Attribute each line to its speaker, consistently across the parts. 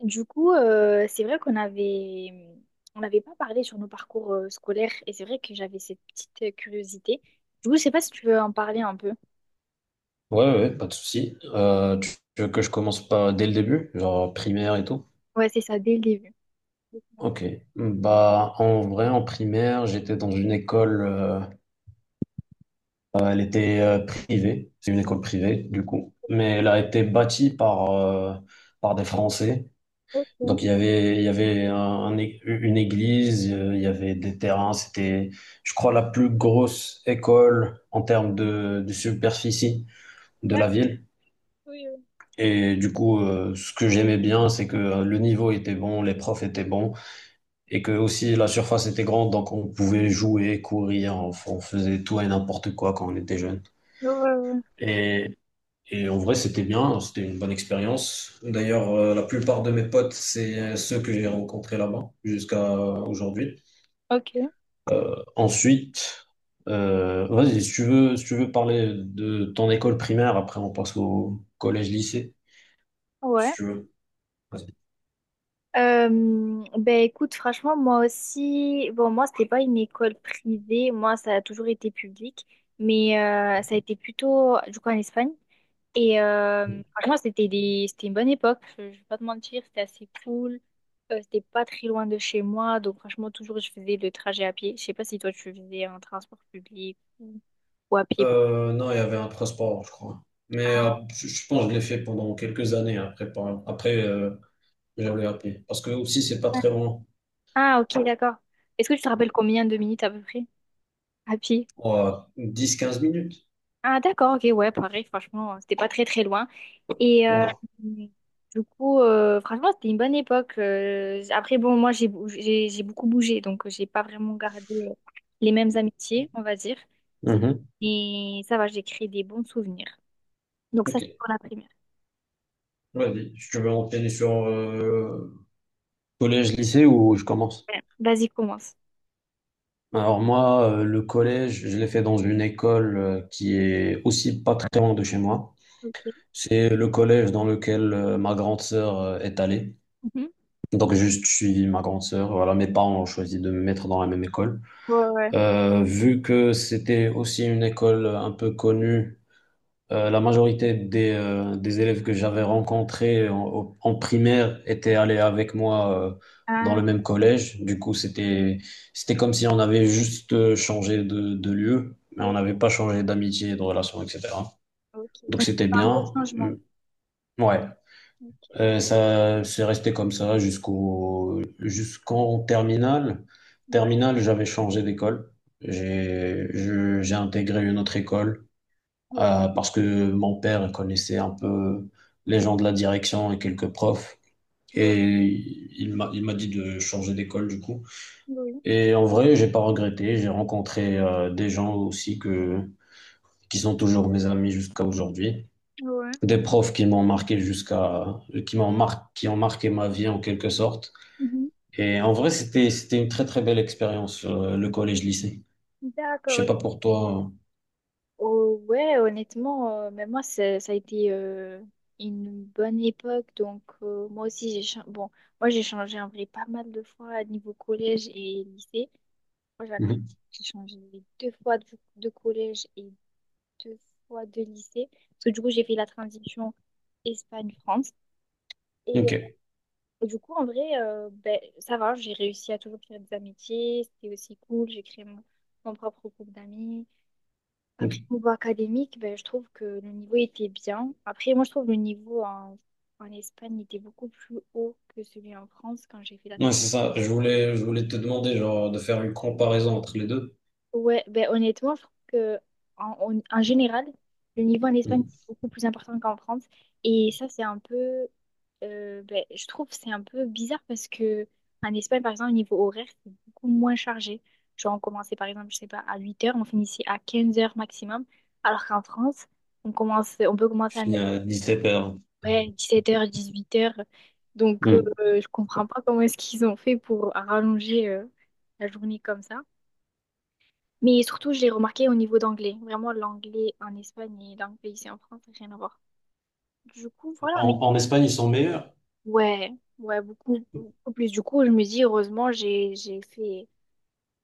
Speaker 1: Du coup, c'est vrai qu'on avait, on n'avait pas parlé sur nos parcours scolaires et c'est vrai que j'avais cette petite curiosité. Du coup, je sais pas si tu veux en parler un peu.
Speaker 2: Ouais, ouais, ouais, pas de souci. Tu veux que je commence pas dès le début, genre primaire et tout?
Speaker 1: Ouais, c'est ça, dès le début.
Speaker 2: Ok. Bah, en vrai, en primaire, j'étais dans une école, elle était privée, c'est une école privée du coup, mais elle a été bâtie par, par des Français.
Speaker 1: Ok.
Speaker 2: Donc il y avait une église, il y avait des terrains, c'était, je crois, la plus grosse école en termes de superficie de
Speaker 1: D'accord.
Speaker 2: la ville.
Speaker 1: Oui, oui.
Speaker 2: Et du coup, ce que j'aimais bien, c'est que le niveau était bon, les profs étaient bons, et que aussi la surface était grande, donc on pouvait jouer, courir, on faisait tout et n'importe quoi quand on était jeune.
Speaker 1: Ouais, ouais, ouais.
Speaker 2: Et, et en vrai, c'était bien, c'était une bonne expérience. D'ailleurs, la plupart de mes potes, c'est ceux que j'ai rencontrés là-bas jusqu'à aujourd'hui.
Speaker 1: Ok,
Speaker 2: Ensuite, vas-y, si tu veux parler de ton école primaire, après on passe au collège-lycée, si
Speaker 1: ouais.
Speaker 2: tu veux. Vas-y.
Speaker 1: Ben écoute, franchement, moi aussi, bon, moi, c'était pas une école privée, moi, ça a toujours été public, mais ça a été plutôt, du coup, en Espagne. Et franchement, c'était des, c'était une bonne époque. Je vais pas te mentir, c'était assez cool. C'était pas très loin de chez moi. Donc, franchement, toujours, je faisais le trajet à pied. Je sais pas si toi, tu faisais un transport public ou à pied.
Speaker 2: Non, il y avait un transport, je crois. Mais je pense que je l'ai fait pendant quelques années après, j'avais appris. Parce que aussi, c'est pas
Speaker 1: Ouais.
Speaker 2: très long.
Speaker 1: Ah, ok, d'accord. Est-ce que tu te rappelles combien de minutes à peu près à pied?
Speaker 2: 10, 15 minutes.
Speaker 1: Ah, d'accord, ok, ouais, pareil, franchement, c'était pas très très loin. Et
Speaker 2: Voilà.
Speaker 1: du coup, franchement, c'était une bonne époque. Après, bon, moi, j'ai beaucoup bougé, donc j'ai pas vraiment gardé les mêmes amitiés, on va dire.
Speaker 2: Mhm.
Speaker 1: Et ça va, j'ai créé des bons souvenirs. Donc ça, c'est
Speaker 2: Ok.
Speaker 1: pour la primaire.
Speaker 2: Vas-y. Je veux enchaîner sur collège, lycée ou je commence?
Speaker 1: Ouais. Vas-y, commence.
Speaker 2: Alors moi, le collège, je l'ai fait dans une école qui est aussi pas très loin de chez moi.
Speaker 1: Ok.
Speaker 2: C'est le collège dans lequel ma grande sœur est allée.
Speaker 1: Mhm.
Speaker 2: Donc j'ai juste suivi ma grande sœur. Voilà, mes parents ont choisi de me mettre dans la même école.
Speaker 1: Ouais, ouais.
Speaker 2: Vu que c'était aussi une école un peu connue, la majorité des élèves que j'avais rencontrés en primaire étaient allés avec moi dans le
Speaker 1: Ah,
Speaker 2: même collège. Du coup, c'était comme si on avait juste changé de lieu, mais on
Speaker 1: oui,
Speaker 2: n'avait pas changé d'amitié, de relation, etc.
Speaker 1: ok.
Speaker 2: Donc
Speaker 1: Donc,
Speaker 2: c'était
Speaker 1: c'est un gros
Speaker 2: bien.
Speaker 1: changement.
Speaker 2: Mm. Ouais.
Speaker 1: Ok.
Speaker 2: Ça, c'est resté comme ça jusqu'en terminale.
Speaker 1: Ouais,
Speaker 2: Terminale, j'avais changé d'école. J'ai intégré une autre école
Speaker 1: ouais.
Speaker 2: parce que mon père connaissait un peu les gens de la direction et quelques profs.
Speaker 1: Ouais,
Speaker 2: Et il m'a dit de changer d'école du coup.
Speaker 1: oui,
Speaker 2: Et en vrai, j'ai pas regretté. J'ai rencontré des gens aussi que qui sont toujours mes amis jusqu'à aujourd'hui.
Speaker 1: ouais.
Speaker 2: Des profs qui m'ont marqué, jusqu'à, qui m'ont mar- qui ont marqué ma vie en quelque sorte.
Speaker 1: Mhm.
Speaker 2: Et en vrai, c'était une très très belle expérience, le collège-lycée. Je sais
Speaker 1: D'accord.
Speaker 2: pas pour toi.
Speaker 1: Oh, ouais, honnêtement, mais moi, ça a été une bonne époque. Donc, moi aussi, bon, moi, j'ai changé en vrai pas mal de fois à niveau collège et lycée. Moi, j'en ai,
Speaker 2: Mhm.
Speaker 1: j'ai changé deux fois de, collège et deux fois de lycée. Parce que du coup, j'ai fait la transition Espagne-France. Et
Speaker 2: Ok.
Speaker 1: du coup, en vrai, ben, ça va, j'ai réussi à toujours faire des amitiés. C'était aussi cool. J'ai créé mon propre groupe d'amis.
Speaker 2: Ok.
Speaker 1: Après, au niveau académique, ben, je trouve que le niveau était bien. Après, moi, je trouve le niveau en Espagne était beaucoup plus haut que celui en France quand j'ai fait la
Speaker 2: Ouais,
Speaker 1: transition.
Speaker 2: c'est ça. Je voulais te demander genre de faire une comparaison entre les deux.
Speaker 1: Ouais, ben honnêtement, je trouve que en général, le niveau en Espagne est
Speaker 2: Mhm.
Speaker 1: beaucoup plus important qu'en France. Et ça, c'est un peu, ben, je trouve, que c'est un peu bizarre parce que en Espagne, par exemple, au niveau horaire, c'est beaucoup moins chargé. Genre, on commençait par exemple, je sais pas, à 8 heures, on finissait à 15 heures maximum. Alors qu'en France, on commence, on peut
Speaker 2: Je
Speaker 1: commencer à ne-
Speaker 2: finis à 17 heures.
Speaker 1: ouais, 17 heures, 8 heures. Donc,
Speaker 2: Mhm.
Speaker 1: je comprends pas comment est-ce qu'ils ont fait pour rallonger, la journée comme ça. Mais surtout, je l'ai remarqué au niveau d'anglais. Vraiment, l'anglais en Espagne et l'anglais ici en France, rien à voir. Du coup, voilà, mais
Speaker 2: En Espagne, ils sont meilleurs.
Speaker 1: ouais, ouais, beaucoup, beaucoup plus. Du coup, je me dis, heureusement, j'ai fait,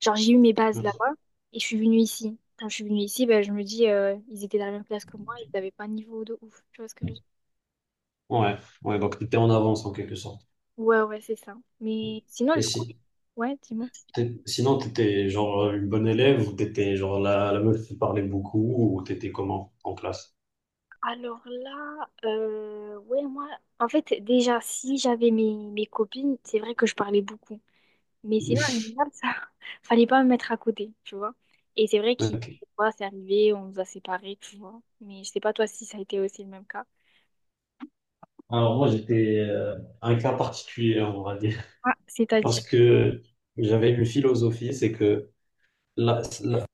Speaker 1: genre, j'ai eu mes bases
Speaker 2: Mhm.
Speaker 1: là-bas et je suis venue ici. Quand je suis venue ici, ben, je me dis, ils étaient dans la même classe que moi, ils n'avaient pas un niveau de ouf. Tu vois ce que je veux dire?
Speaker 2: Ouais. Ouais. Donc, t'étais en avance en quelque sorte.
Speaker 1: Ouais, ouais, c'est ça. Mais sinon,
Speaker 2: Et
Speaker 1: du coup,
Speaker 2: si.
Speaker 1: ouais, dis-moi.
Speaker 2: Sinon, t'étais genre une bonne élève ou t'étais genre la meuf qui parlait beaucoup ou t'étais comment en classe?
Speaker 1: Alors là, ouais, moi, en fait, déjà, si j'avais mes copines, c'est vrai que je parlais beaucoup. Mais sinon, en général, ça, fallait pas me mettre à côté, tu vois. Et c'est vrai qu'il
Speaker 2: Ok.
Speaker 1: des fois, c'est arrivé, on nous a séparés, tu vois. Mais je sais pas toi si ça a été aussi le même cas.
Speaker 2: Alors moi, j'étais un cas particulier, on va dire,
Speaker 1: Ah,
Speaker 2: parce
Speaker 1: c'est-à-dire.
Speaker 2: que j'avais une philosophie, c'est que là, là,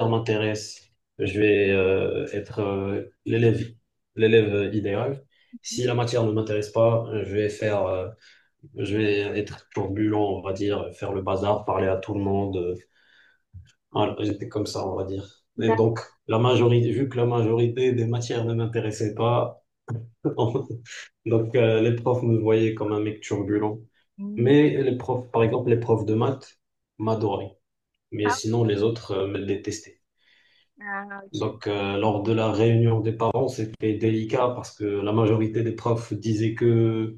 Speaker 2: ça m'intéresse, je vais être l'élève idéal. Si la matière ne m'intéresse pas, je vais être turbulent, on va dire, faire le bazar, parler à tout le monde. Voilà, j'étais comme ça, on va dire. Et
Speaker 1: D'a-
Speaker 2: donc, vu que la majorité des matières ne m'intéressait pas, donc les profs me voyaient comme un mec turbulent.
Speaker 1: Mm.
Speaker 2: Mais les profs, par exemple, les profs de maths m'adoraient. Mais
Speaker 1: Ah,
Speaker 2: sinon, les autres me détestaient.
Speaker 1: ah, ok.
Speaker 2: Donc, lors de la réunion des parents, c'était délicat parce que la majorité des profs disaient que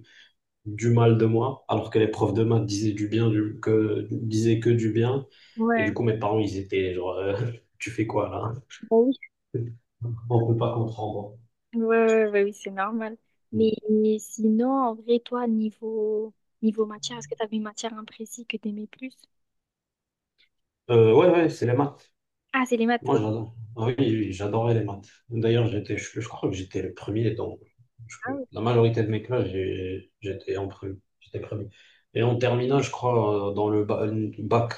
Speaker 2: du mal de moi, alors que les profs de maths disaient du bien, disaient que du bien. Et du
Speaker 1: Ouais.
Speaker 2: coup, mes parents, ils étaient genre, tu fais quoi là?
Speaker 1: Bah oui.
Speaker 2: On peut pas comprendre.
Speaker 1: Ouais, ouais, ouais, bah oui, c'est normal. Mais sinon, en vrai, toi, niveau, niveau matière, est-ce que tu avais une matière imprécise que tu aimais plus?
Speaker 2: Ouais, ouais, c'est les maths.
Speaker 1: Ah, c'est les maths.
Speaker 2: Moi,
Speaker 1: Ok.
Speaker 2: j'adore. Ah oui, oui, j'adorais les maths. D'ailleurs, je crois que j'étais le premier dans
Speaker 1: Ah oui.
Speaker 2: la majorité de mes classes, j'étais en premier. J'étais premier. Et en terminale, je crois, dans le bac,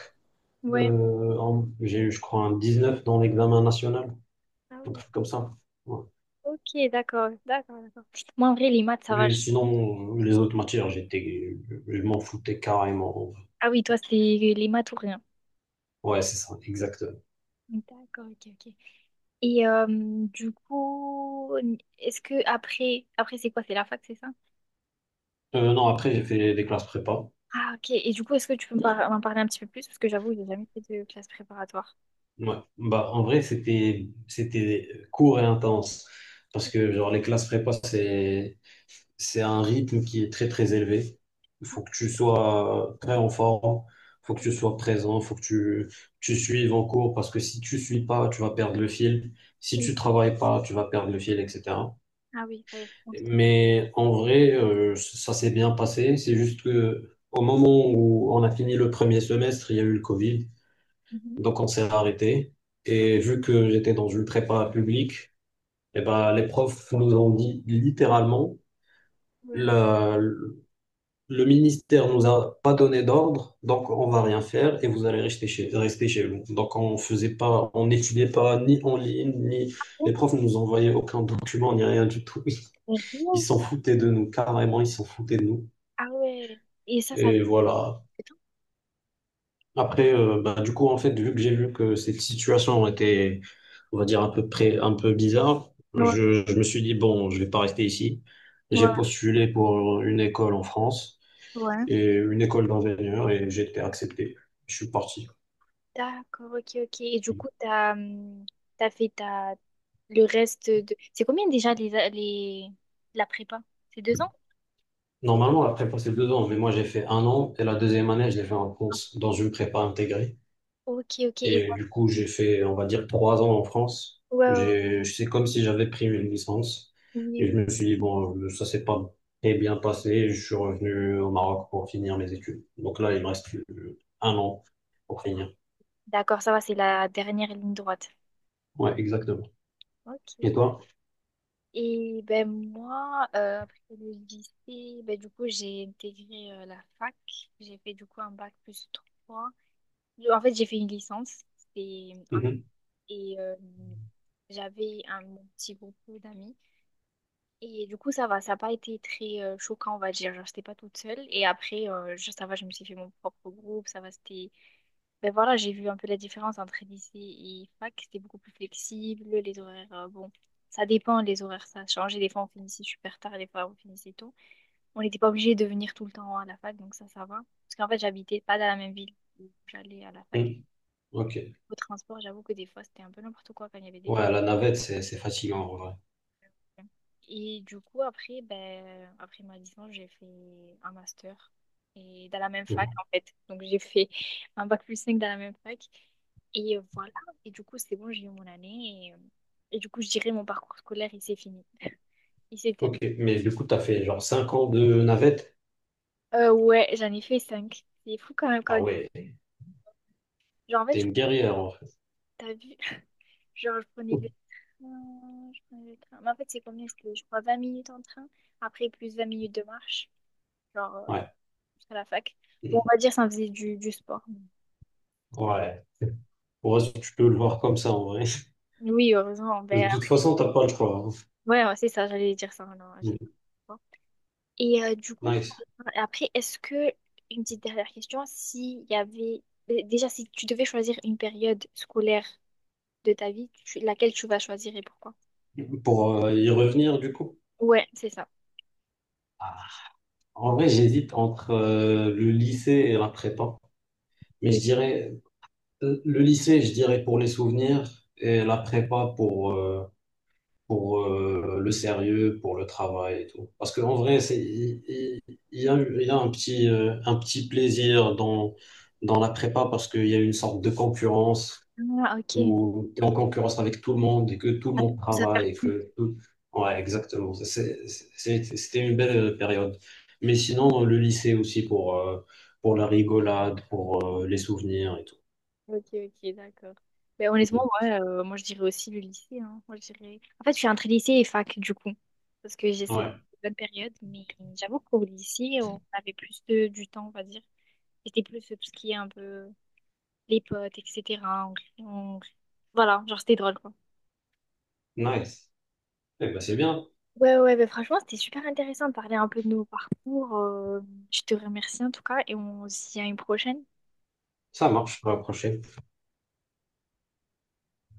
Speaker 1: Ouais.
Speaker 2: j'ai eu, je crois, un 19 dans l'examen national,
Speaker 1: Ah
Speaker 2: un
Speaker 1: oui.
Speaker 2: truc comme ça. Ouais.
Speaker 1: Ok, d'accord, d'accord, d'accord. Moi, en vrai, les maths, ça va.
Speaker 2: Mais sinon, les autres matières, je m'en foutais carrément.
Speaker 1: Ah oui, toi, c'était les maths ou rien.
Speaker 2: Ouais, c'est ça, exactement.
Speaker 1: D'accord, ok, ok. Et du coup, est-ce que après, après c'est quoi? C'est la fac, c'est ça?
Speaker 2: Non, après, j'ai fait des classes prépa.
Speaker 1: Ah, ok. Et du coup, est-ce que tu peux me m'en parler un petit peu plus? Parce que j'avoue, j'ai jamais fait de classe préparatoire.
Speaker 2: Ouais. Bah, en vrai, c'était court et intense parce que genre les classes prépa c'est un rythme qui est très très élevé. Il faut que tu sois très en forme, il faut que tu sois présent, il faut que tu suives en cours parce que si tu suis pas, tu vas perdre le fil. Si
Speaker 1: Oui.
Speaker 2: tu travailles pas, tu vas perdre le fil, etc.
Speaker 1: Ah oui, il fallait prendre.
Speaker 2: Mais en vrai, ça s'est bien passé. C'est juste que au moment où on a fini le premier semestre, il y a eu le Covid.
Speaker 1: Mhm.
Speaker 2: Donc on s'est arrêté. Et vu que j'étais dans une prépa publique, eh ben, les profs nous ont dit littéralement,
Speaker 1: Ouais.
Speaker 2: la- le ministère nous a pas donné d'ordre, donc on va rien faire et vous allez rester chez vous. Donc on faisait pas, on n'étudiait pas ni en ligne, ni les
Speaker 1: Oh,
Speaker 2: profs ne nous envoyaient aucun document, ni rien du tout. Ils
Speaker 1: sérieux?
Speaker 2: s'en foutaient de nous, carrément, ils s'en foutaient de nous.
Speaker 1: Ah ouais. Et ça, ça.
Speaker 2: Et voilà. Après, bah, du coup, en fait, vu que j'ai vu que cette situation était, on va dire, un peu près, un peu bizarre,
Speaker 1: Ouais,
Speaker 2: je me suis dit, bon, je vais pas rester ici. J'ai
Speaker 1: ouais,
Speaker 2: postulé pour une école en France
Speaker 1: ouais.
Speaker 2: et une école d'ingénieur et j'ai été accepté. Je suis parti.
Speaker 1: D'accord, ok, ok. Et du coup, t'as fait ta, le reste de, c'est combien déjà la prépa? C'est 2 ans?
Speaker 2: Normalement, la prépa, c'est 2 ans, mais moi, j'ai fait 1 an et la deuxième année, je l'ai fait en France, dans une prépa intégrée.
Speaker 1: Ok, ok. Et,
Speaker 2: Et du coup, j'ai fait, on va dire, 3 ans en France.
Speaker 1: ouais, ouais,
Speaker 2: C'est comme si j'avais pris une licence. Et
Speaker 1: ouais.
Speaker 2: je me suis dit, bon, ça s'est pas très bien passé. Je suis revenu au Maroc pour finir mes études. Donc là, il me reste 1 an pour finir.
Speaker 1: D'accord, ça va, c'est la dernière ligne droite.
Speaker 2: Ouais, exactement.
Speaker 1: Ok.
Speaker 2: Et toi?
Speaker 1: Et ben moi, après le lycée, ben du coup, j'ai intégré la fac. J'ai fait du coup un bac plus 3. En fait, j'ai fait une licence.
Speaker 2: Mhm.
Speaker 1: Et j'avais un mon petit groupe d'amis. Et du coup, ça va, ça n'a pas été très choquant, on va dire. Genre, j'étais pas toute seule. Et après, ça va, je me suis fait mon propre groupe. Ça va, c'était. Ben voilà, j'ai vu un peu la différence entre lycée et fac. C'était beaucoup plus flexible. Les horaires, bon, ça dépend, les horaires, ça a changé. Des fois, on finissait super tard, des fois, on finissait tôt. On n'était pas obligé de venir tout le temps à la fac, donc ça va. Parce qu'en fait, j'habitais pas dans la même ville où j'allais à la fac.
Speaker 2: Mhm. Ok.
Speaker 1: Au transport, j'avoue que des fois, c'était un peu n'importe quoi quand il y avait des,
Speaker 2: Ouais, la navette, c'est fatigant, en vrai.
Speaker 1: et du coup, après, ben, après ma licence, j'ai fait un master et dans la même fac,
Speaker 2: Mhm.
Speaker 1: en fait. Donc, j'ai fait un bac plus 5 dans la même fac. Et voilà. Et du coup, c'est bon, j'ai eu mon année. Et du coup, je dirais mon parcours scolaire, il s'est fini. Il s'est
Speaker 2: Ok.
Speaker 1: terminé.
Speaker 2: Mais du coup, t'as fait genre 5 ans de navette?
Speaker 1: Ouais, j'en ai fait cinq. C'est fou quand même.
Speaker 2: Ah
Speaker 1: Quand,
Speaker 2: ouais,
Speaker 1: genre, en fait,
Speaker 2: t'es une guerrière, en fait.
Speaker 1: t'as vu, genre, je prenais le train. Je prenais le train. Mais en fait, c'est combien? C'était, je crois, 20 minutes en train. Après, plus 20 minutes de marche. Genre,
Speaker 2: Ouais.
Speaker 1: à la fac. Bon, on
Speaker 2: Mhm.
Speaker 1: va dire ça faisait du sport.
Speaker 2: Ouais. Ouais, tu peux le voir comme ça, en vrai.
Speaker 1: Oui, heureusement.
Speaker 2: De
Speaker 1: Ben,
Speaker 2: toute façon, t'as pas le choix,
Speaker 1: ouais, ouais, c'est ça, j'allais dire ça. Non, j'ai pas
Speaker 2: hein.
Speaker 1: le sport. Et du coup,
Speaker 2: Nice.
Speaker 1: après, est-ce que, une petite dernière question, s'il y avait, déjà, si tu devais choisir une période scolaire de ta vie, laquelle tu vas choisir et pourquoi?
Speaker 2: Pour y revenir, du coup,
Speaker 1: Ouais, c'est ça.
Speaker 2: ah, en vrai, j'hésite entre le lycée et la prépa. Mais je dirais, le lycée, je dirais pour les souvenirs et la prépa pour le sérieux, pour le travail et tout. Parce qu'en vrai, il y a un petit plaisir dans, la prépa parce qu'il y a une sorte de concurrence
Speaker 1: Ah, ok.
Speaker 2: où tu es en concurrence avec tout le monde et que tout le
Speaker 1: Ça te
Speaker 2: monde
Speaker 1: pousse à
Speaker 2: travaille et
Speaker 1: faire.
Speaker 2: que tout... Ouais, exactement. C'était une belle période. Mais sinon, le lycée aussi pour la rigolade, pour les souvenirs et tout.
Speaker 1: Ok, ok, d'accord. Mais honnêtement, ouais, moi je dirais aussi le lycée. Hein. Moi, je dirais, en fait, je suis entre lycée et fac, du coup. Parce que j'ai ces
Speaker 2: Ouais,
Speaker 1: bonnes périodes, mais j'avoue qu'au lycée, on avait plus de, du temps, on va dire. C'était plus tout ce qui est un peu les potes, etc. On- on- Voilà, genre c'était drôle, quoi.
Speaker 2: nice. Eh ben, c'est bien.
Speaker 1: Ouais, ouais, mais franchement, c'était super intéressant de parler un peu de nos parcours. Je te remercie en tout cas et on se dit à une prochaine.
Speaker 2: Ça marche pour la prochaine.